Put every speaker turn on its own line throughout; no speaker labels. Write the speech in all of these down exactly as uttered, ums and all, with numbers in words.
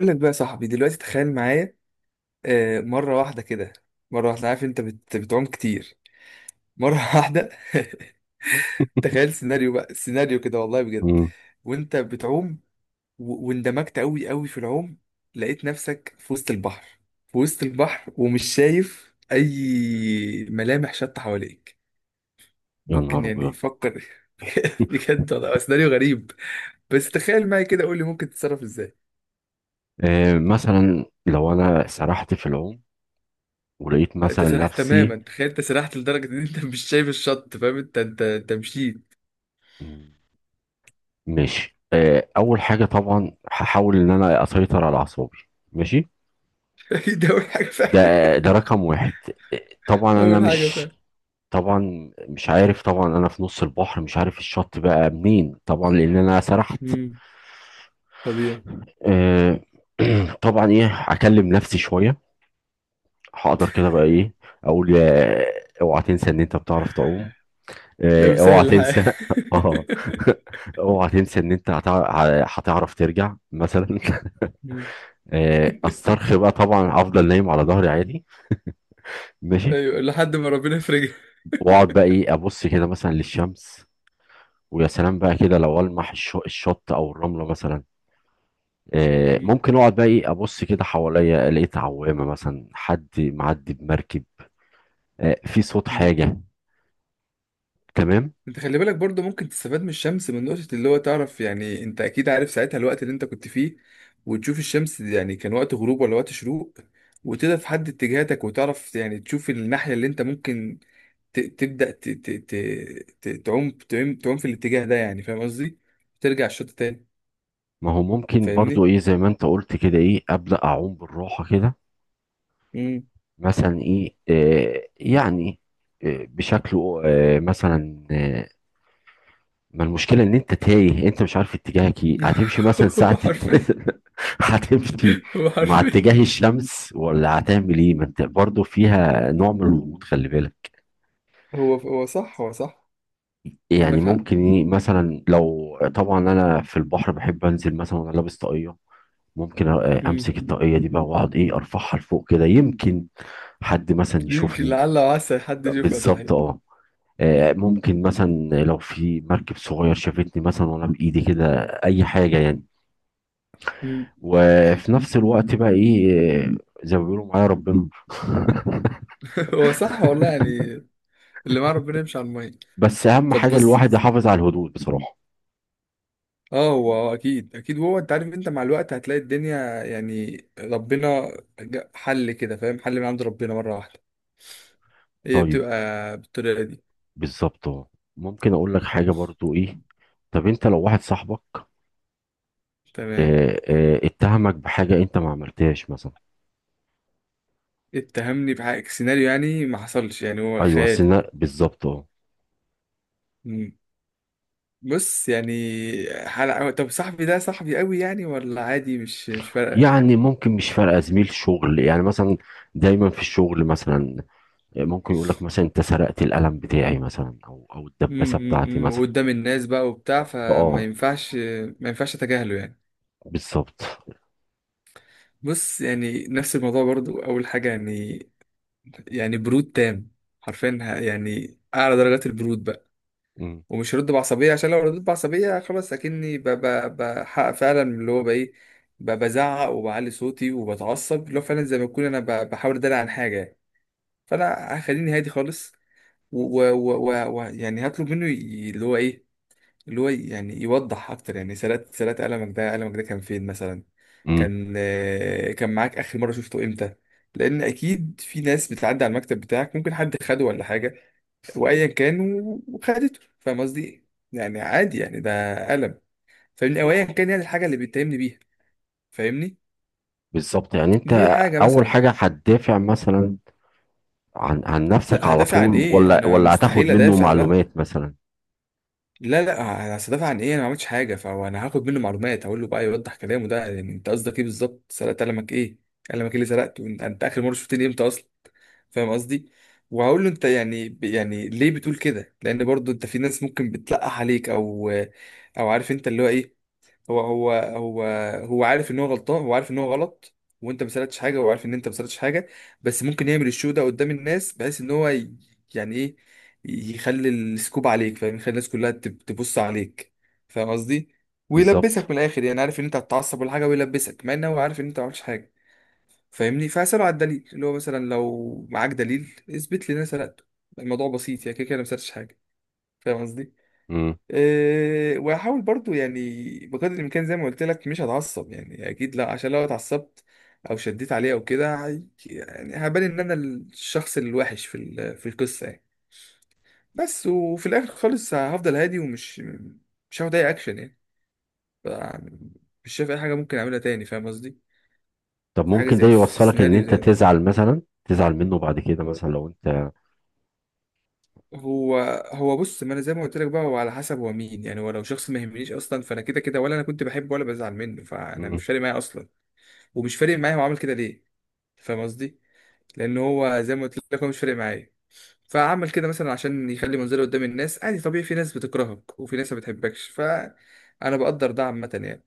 اقول لك بقى يا صاحبي دلوقتي تخيل معايا. آه، مرة واحدة كده، مرة واحدة، عارف انت بت... بتعوم كتير مرة واحدة. تخيل سيناريو بقى سيناريو كده والله بجد،
مم.
وانت بتعوم و... واندمجت قوي قوي في العوم، لقيت نفسك في وسط البحر، في وسط البحر ومش شايف اي ملامح شط حواليك.
يا
ممكن
نهار ابيض!
يعني فكر. بجد والله هو سيناريو غريب، بس تخيل معايا كده قول لي ممكن تتصرف ازاي.
آه، مثلا لو انا سرحت في العوم ولقيت
انت
مثلا
سرحت
نفسي.
تماما، تخيل انت سرحت لدرجه ان انت مش شايف الشط فاهم؟ انت انت انت مشيت.
مم، ماشي. آه، اول حاجه طبعا هحاول ان انا اسيطر على اعصابي. ماشي.
ده اول حاجه
ده
فاهم،
ده رقم واحد. آه، طبعا انا
اول حاجه
مش
فاهم.
طبعا مش عارف. طبعا انا في نص البحر، مش عارف الشط بقى منين، طبعا لان انا سرحت.
امم طبيعي.
آه، طبعا ايه هكلم نفسي شويه. هقدر كده بقى ايه اقول، آه، اوعى تنسى ان انت بتعرف تعوم.
يا
آه، اوعى
مسهل الحال.
تنسى اه، اوعى تنسى ان انت هتع- هتعرف ترجع مثلا.
مم.
آه، استرخي بقى، طبعا افضل نايم على ظهري عادي. ماشي.
ايوه، لحد ما ربنا يفرجها.
واقعد بقى ايه ابص كده مثلا للشمس، ويا سلام بقى كده لو المح الش- الشط او الرمله مثلا. آه،
مم.
ممكن اقعد بقى ايه ابص كده حواليا، لقيت عوامه مثلا، حد معدي بمركب، آه، في صوت
مم.
حاجه. تمام.
انت خلي بالك برضو، ممكن تستفاد من الشمس، من نقطة اللي هو تعرف، يعني انت اكيد عارف ساعتها الوقت اللي انت كنت فيه، وتشوف الشمس دي يعني كان وقت غروب ولا وقت شروق، وتقدر تحدد اتجاهاتك وتعرف، يعني تشوف الناحية اللي انت ممكن ت- تبدأ ت- ت- ت- ت- تعوم تعوم تعوم في الاتجاه ده، يعني فاهم قصدي؟ ترجع الشط تاني.
ما هو ممكن برضو
فاهمني؟
ايه، زي ما انت قلت كده، ايه ابدا اعوم بالراحه كده.
امم.
مثلا ايه آه، يعني آه، بشكله آه، مثلا آه، ما المشكله ان انت تايه، انت مش عارف اتجاهك، ايه هتمشي مثلا
هو
ساعه؟
حرفيا،
هتمشي
هو
مع
حرفيا.
اتجاه الشمس ولا هتعمل ايه؟ ما انت برضه فيها نوع من الغموض، خلي بالك.
هو هو صح، هو صح.
يعني
عندك حق.
ممكن ايه مثلا، لو طبعا انا في البحر بحب انزل مثلا وانا لابس طاقيه، ممكن آه،
امم.
امسك الطاقيه دي بقى واقعد ايه ارفعها لفوق كده، يمكن حد مثلا
يمكن
يشوفني.
لعل وعسى حد
طب
يشوفها صحيح.
بالظبط، اه. آه، ممكن مثلا لو في مركب صغير شافتني مثلا وانا بايدي كده، اي حاجه يعني.
امم.
وفي نفس الوقت بقى ايه آه، زي ما بيقولوا، معايا ربنا.
هو صح والله يعني، اللي مع ربنا يمشي على الميه.
بس اهم
طب
حاجه
بص
الواحد
بص.
يحافظ على الهدوء بصراحه.
اه، هو هو اكيد اكيد، هو انت عارف، انت مع الوقت هتلاقي الدنيا يعني ربنا جا- حل كده، فاهم؟ حل من عند ربنا مره واحده، هي
طيب.
بتبقى بالطريقه
بالظبط أهو. ممكن اقول لك حاجه برضو
دي.
ايه. طب انت لو واحد صاحبك
تمام.
آه، آه، اتهمك بحاجه انت ما عملتهاش مثلا.
اتهمني بحق سيناريو يعني ما حصلش، يعني هو
ايوه
خيالي.
سنة بالظبط، اه.
مم. بص يعني حلقة، طب صاحبي ده صاحبي قوي يعني ولا عادي؟ مش مش فارقة.
يعني ممكن مش فارقه، زميل شغل يعني مثلا. دايما في الشغل مثلا ممكن يقول لك مثلا انت سرقت القلم بتاعي مثلا، او او
مم،
الدباسه
مم،
بتاعتي
مم.
مثلا.
وقدام الناس بقى وبتاع، فما
اه،
ينفعش، ما ينفعش اتجاهله يعني.
بالظبط.
بص يعني نفس الموضوع برضو، اول حاجة يعني يعني برود تام. حرفيا، ه- يعني اعلى درجات البرود بقى.
مم.
ومش هرد بعصبية، عشان لو رديت بعصبية خلاص أكني ب- ب- بحقق فعلا اللي هو بإيه، ب- بزعق وبعلي صوتي وبتعصب، اللي هو فعلا زي ما أكون أنا ب- بحاول أدلع عن حاجة يعني. فأنا هخليني هادي خالص، ويعني هطلب منه ي- اللي هو إيه، اللي هو يعني يوضح أكتر، يعني سرقت سرقت قلمك ده، قلمك ده كان فين مثلا،
مم.
كان آه، كان معاك آخر مرة شفته إمتى؟ لأن أكيد في ناس بتعدي على المكتب بتاعك، ممكن حد خده ولا حاجة وايا كان و- وخدته، فاهم قصدي ايه؟ يعني عادي يعني ده قلم، فاهمني؟ او ايا كان يعني الحاجه اللي بيتهمني بيها، فاهمني؟
بالظبط. يعني انت
دي حاجه
اول
مثلا.
حاجه هتدافع مثلا عن عن نفسك
لا،
على
هدافع عن
طول،
ايه؟
ولا
انا
ولا هتاخد
مستحيل
منه
ادافع، لا.
معلومات مثلا؟
لا لا، انا هدافع عن ايه؟ انا ما عملتش حاجه، فهو انا هاخد منه معلومات، هقول له بقى يوضح كلامه ده، يعني انت قصدك ايه بالظبط؟ سرقت قلمك ايه؟ قلمك ايه اللي سرقته انت؟ أنت اخر مره شفتني امتى اصلا؟ فاهم قصدي؟ وهقول له انت، يعني يعني ليه بتقول كده؟ لان برضو انت في ناس ممكن بتلقح عليك او او، عارف انت اللي هو ايه. هو هو هو هو عارف ان هو غلطان، هو عارف ان هو غلط، وانت ما سالتش حاجه، وهو عارف ان انت ما سالتش حاجه، بس ممكن يعمل الشو ده قدام الناس، بحيث ان هو ي- يعني ايه، يخلي السكوب عليك، فاهم، يخلي الناس كلها تب- تبص عليك، فاهم قصدي؟
بالظبط.
ويلبسك من الاخر، يعني عارف ان انت هتتعصب ولا حاجه ويلبسك، مع ان هو عارف ان انت ما عملتش حاجه، فاهمني؟ فاساله على الدليل، اللي هو مثلا لو معاك دليل اثبت لي ان انا سرقته. الموضوع بسيط، يعني كده كده أنا ما سرقتش حاجه، فاهم قصدي؟
مم.
إيه، واحاول برضو يعني بقدر الامكان، زي ما قلت لك، مش هتعصب يعني اكيد لا، عشان لو اتعصبت او شديت عليه او كده هي- يعني هبان ان انا الشخص الوحش في ال- في القصه يعني. بس وفي الاخر خالص هفضل هادي، ومش مش هاخد اي اكشن يعني. ف- مش شايف اي حاجه ممكن اعملها تاني، فاهم قصدي؟
طب
في حاجه
ممكن ده
زي، في
يوصلك ان
سيناريو
انت
زي ده.
تزعل مثلا، تزعل منه بعد كده مثلا لو انت...
هو هو بص، ما انا زي ما قلت لك بقى، هو على حسب هو مين، يعني هو لو شخص ما يهمنيش اصلا، فانا كده كده، ولا انا كنت بحبه ولا بزعل منه، فانا مش
مم.
فارق معايا اصلا، ومش فارق معايا هو عمل كده ليه، فاهم قصدي؟ لان هو زي ما قلت لك هو مش فارق معايا، فعمل كده مثلا عشان يخلي منظره قدام الناس، عادي طبيعي، في ناس بتكرهك وفي ناس ما بتحبكش، فانا بقدر ده عامه يعني.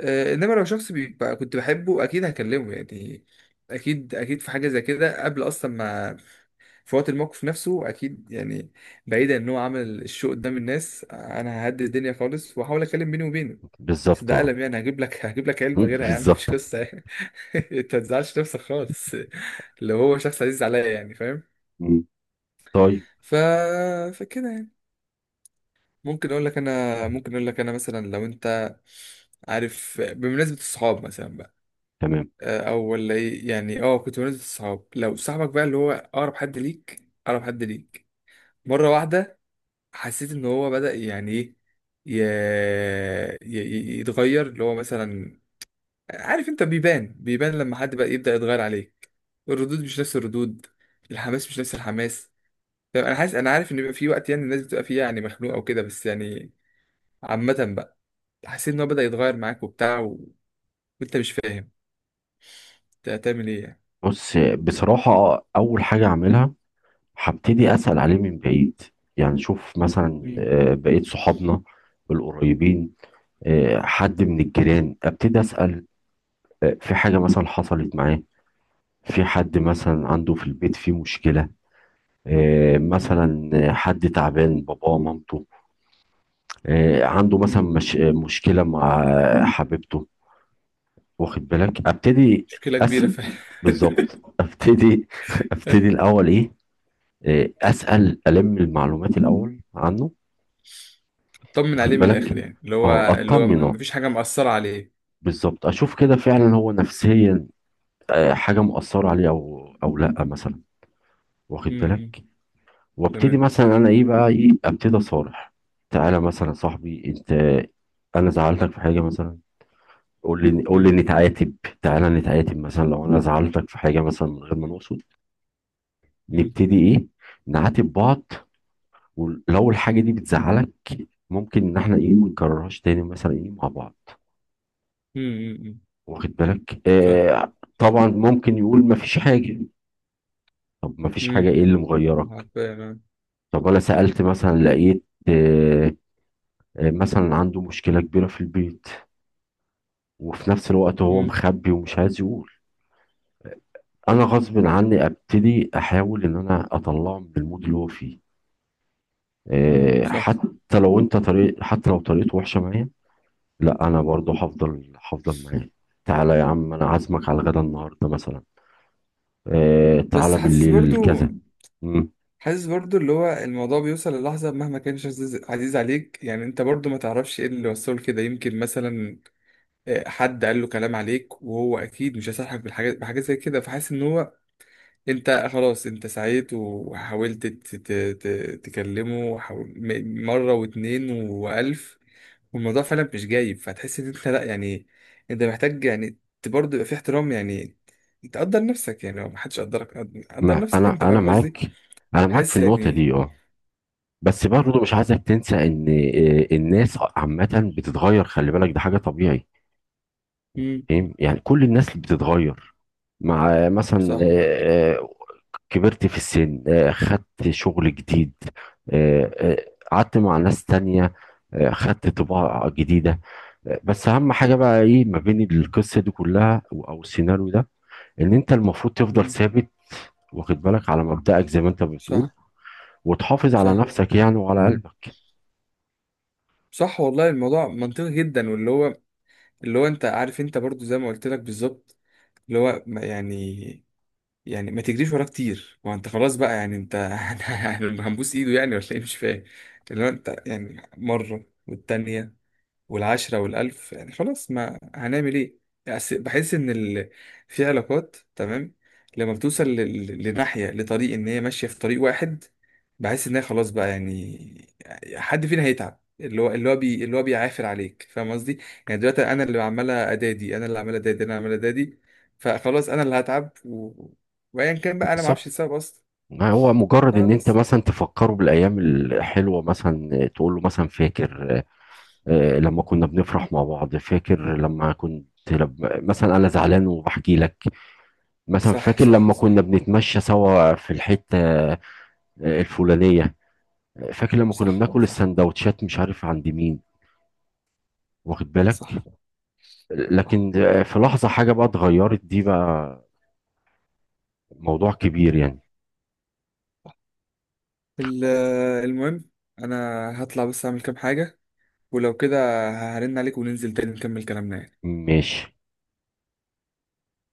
آه، انما لو شخص بيبقى كنت بحبه اكيد هكلمه يعني، اكيد اكيد في حاجه زي كده قبل اصلا ما، في وقت الموقف نفسه اكيد يعني، بعيدا ان هو عمل الشو قدام الناس، انا ههدي الدنيا خالص واحاول اتكلم بيني وبينه. بس
بالظبط،
ده
اه.
قلم يعني، هجيب لك هجيب لك
مم.
علبه غيرها يا عم، مش
بالظبط.
قصه يعني. انت ما تزعلش نفسك خالص لو هو شخص عزيز عليا يعني، فاهم؟
مم. طيب.
ف فكده يعني، ممكن اقول لك انا، ممكن اقول لك انا مثلا لو انت عارف، بمناسبه الصحاب مثلا بقى،
تمام.
آه، او ولا ايه يعني. اه، كنت بمناسبه الصحاب، لو صاحبك بقى اللي هو اقرب حد ليك، اقرب حد ليك مره واحده حسيت ان هو بدأ يعني ايه ي... ي... ي- يتغير، اللي هو مثلا عارف انت، بيبان بيبان لما حد بقى يبدأ يتغير عليك، الردود مش نفس الردود، الحماس مش نفس الحماس. طيب انا حاسس، انا عارف ان بيبقى في وقت يعني الناس بتبقى فيه يعني مخنوقه وكده بس يعني، عامة بقى. حسيت ان هو بدأ يتغير معاك وبتاع و... وانت مش فاهم، انت هتعمل ايه يعني؟
بص بصراحه، اول حاجه اعملها، هبتدي أسأل عليه من بعيد. يعني شوف مثلا
مم.
آه، بقيت صحابنا القريبين، آه، حد من الجيران، أبتدي أسأل آه، في حاجة مثلا حصلت معاه، في حد مثلا عنده في البيت فيه مشكلة، آه،
مم.
مثلا آه، حد تعبان، باباه، مامته، آه، عنده مثلا
مم.
مش آه، مشكلة مع آه، حبيبته. واخد بالك؟ أبتدي
مشكلة كبيرة
أسأل.
فعلا.
بالظبط. أبتدي أبتدي الأول إيه، آه، أسأل ألم المعلومات الأول عنه.
طمن
واخد
عليه من
بالك؟
الآخر يعني، اللي هو
اه،
اللي هو
اطمنه.
مفيش حاجة مأثرة عليه.
بالظبط. اشوف كده فعلا هو نفسيا آه، حاجه مؤثره عليه او او لا مثلا. واخد
مم. مم.
بالك؟ وابتدي
تمام.
مثلا انا ايه بقى، ايه ابتدي اصارح. تعالى مثلا يا صاحبي انت، انا زعلتك في حاجه مثلا، قول لي قول لي نتعاتب. تعالى نتعاتب مثلا، لو انا زعلتك في حاجه مثلا من غير ما نقصد،
مم.
نبتدي ايه نعاتب بعض. ولو الحاجه دي بتزعلك، ممكن ان احنا ايه ما نكررهاش تاني مثلا ايه مع بعض.
مم. مم.
واخد بالك؟
فاهم،
آه
فاهم.
طبعا ممكن يقول ما فيش حاجة. طب ما فيش حاجة،
مم.
ايه اللي مغيرك؟
عارفين أنا.
طب انا سألت مثلا، لقيت آه آه مثلا عنده مشكلة كبيرة في البيت، وفي نفس الوقت هو
مم.
مخبي ومش عايز يقول. انا غصب عني ابتدي احاول ان انا اطلعه من المود اللي هو فيه.
مم.
آه
صح.
حتى لو انت طريق، حتى لو طريقته وحشة معايا، لا انا برضه هفضل هفضل معاه. تعالى يا عم، انا عازمك على الغدا النهارده مثلا، آه تعالى
بس حاسس
بالليل
برضو،
كذا. مم.
حاسس برضو اللي هو الموضوع بيوصل للحظة، مهما كانش عزيز عزيز عليك يعني، انت برضو ما تعرفش ايه اللي وصله كده، يمكن مثلا آه، حد قال له كلام عليك، وهو اكيد مش هيصالحك بالحاجات بحاجات زي كده، فحاسس ان هو، انت خلاص انت سعيت وحاولت ت- ت- ت- تكلمه، وحاول- م- مرة واتنين والف، والموضوع فعلا مش جايب، فتحس ان انت لا يعني، انت محتاج يعني ت- برضه يبقى في احترام يعني، تقدر نفسك، يعني لو محدش قدرك قد- قدر
ما
نفسك
انا
انت،
انا
فاهم قصدي؟
معاك، انا معاك في
حاسس
النقطه
يعني.
دي، اه. بس
مم،
برضه مش عايزك تنسى ان آه، الناس عامه بتتغير، خلي بالك، ده حاجه طبيعي.
مم.
فاهم؟ يعني كل الناس بتتغير، مع مثلا
صح.
آه، آه، كبرت في السن، آه، خدت شغل جديد، آه، آه، قعدت مع ناس تانية، آه، خدت طباع جديدة. آه، بس أهم حاجة بقى إيه، ما بين القصة دي كلها أو أو السيناريو ده، إن أنت المفروض تفضل
مم،
ثابت، واخد بالك، على مبدأك زي ما أنت بتقول،
صح.
وتحافظ على
صح.
نفسك يعني، وعلى قلبك.
صح والله، الموضوع منطقي جدا، واللي هو اللي هو انت عارف، انت برضه زي ما قلت لك بالظبط، اللي هو ما- يعني، يعني ما تجريش وراه كتير، ما انت خلاص بقى يعني انت هنبوس ايده يعني ولا ايه؟ مش فاهم. اللي هو انت يعني مرة والتانية والعشرة والألف يعني خلاص، ما هنعمل إيه؟ أس- بحس إن ال... في علاقات تمام لما بتوصل ل... ل- لناحية، لطريق، إن هي ماشية في طريق واحد، بحس إن هي خلاص بقى يعني، حد فينا هيتعب، اللي هو اللي هو بي... اللي هو بيعافر عليك، فاهم قصدي؟ يعني دلوقتي أنا اللي عمال أدادي، أنا اللي عمال أدادي، أنا عمال أدادي، فخلاص أنا اللي هتعب و... وأيا كان بقى، أنا ما
بالظبط.
أعرفش السبب أصلا.
ما هو مجرد ان انت
فبس.
مثلا تفكره بالايام الحلوه، مثلا تقول له مثلا فاكر آه، لما كنا بنفرح مع بعض، فاكر لما كنت، لما مثلا انا زعلان وبحكي لك، مثلا
صح
فاكر
صح
لما كنا
صح،
بنتمشى سوا في الحته آه، الفلانيه، فاكر لما كنا
صح
بناكل
صح
السندوتشات مش عارف عند مين. واخد بالك؟
صح، صح.
لكن آه، في لحظه حاجه بقى اتغيرت، دي بقى موضوع كبير يعني.
ال- آه، المهم انا هطلع بس اعمل كام حاجة، ولو كده هرن عليك وننزل تاني نكمل كلامنا يعني.
ماشي.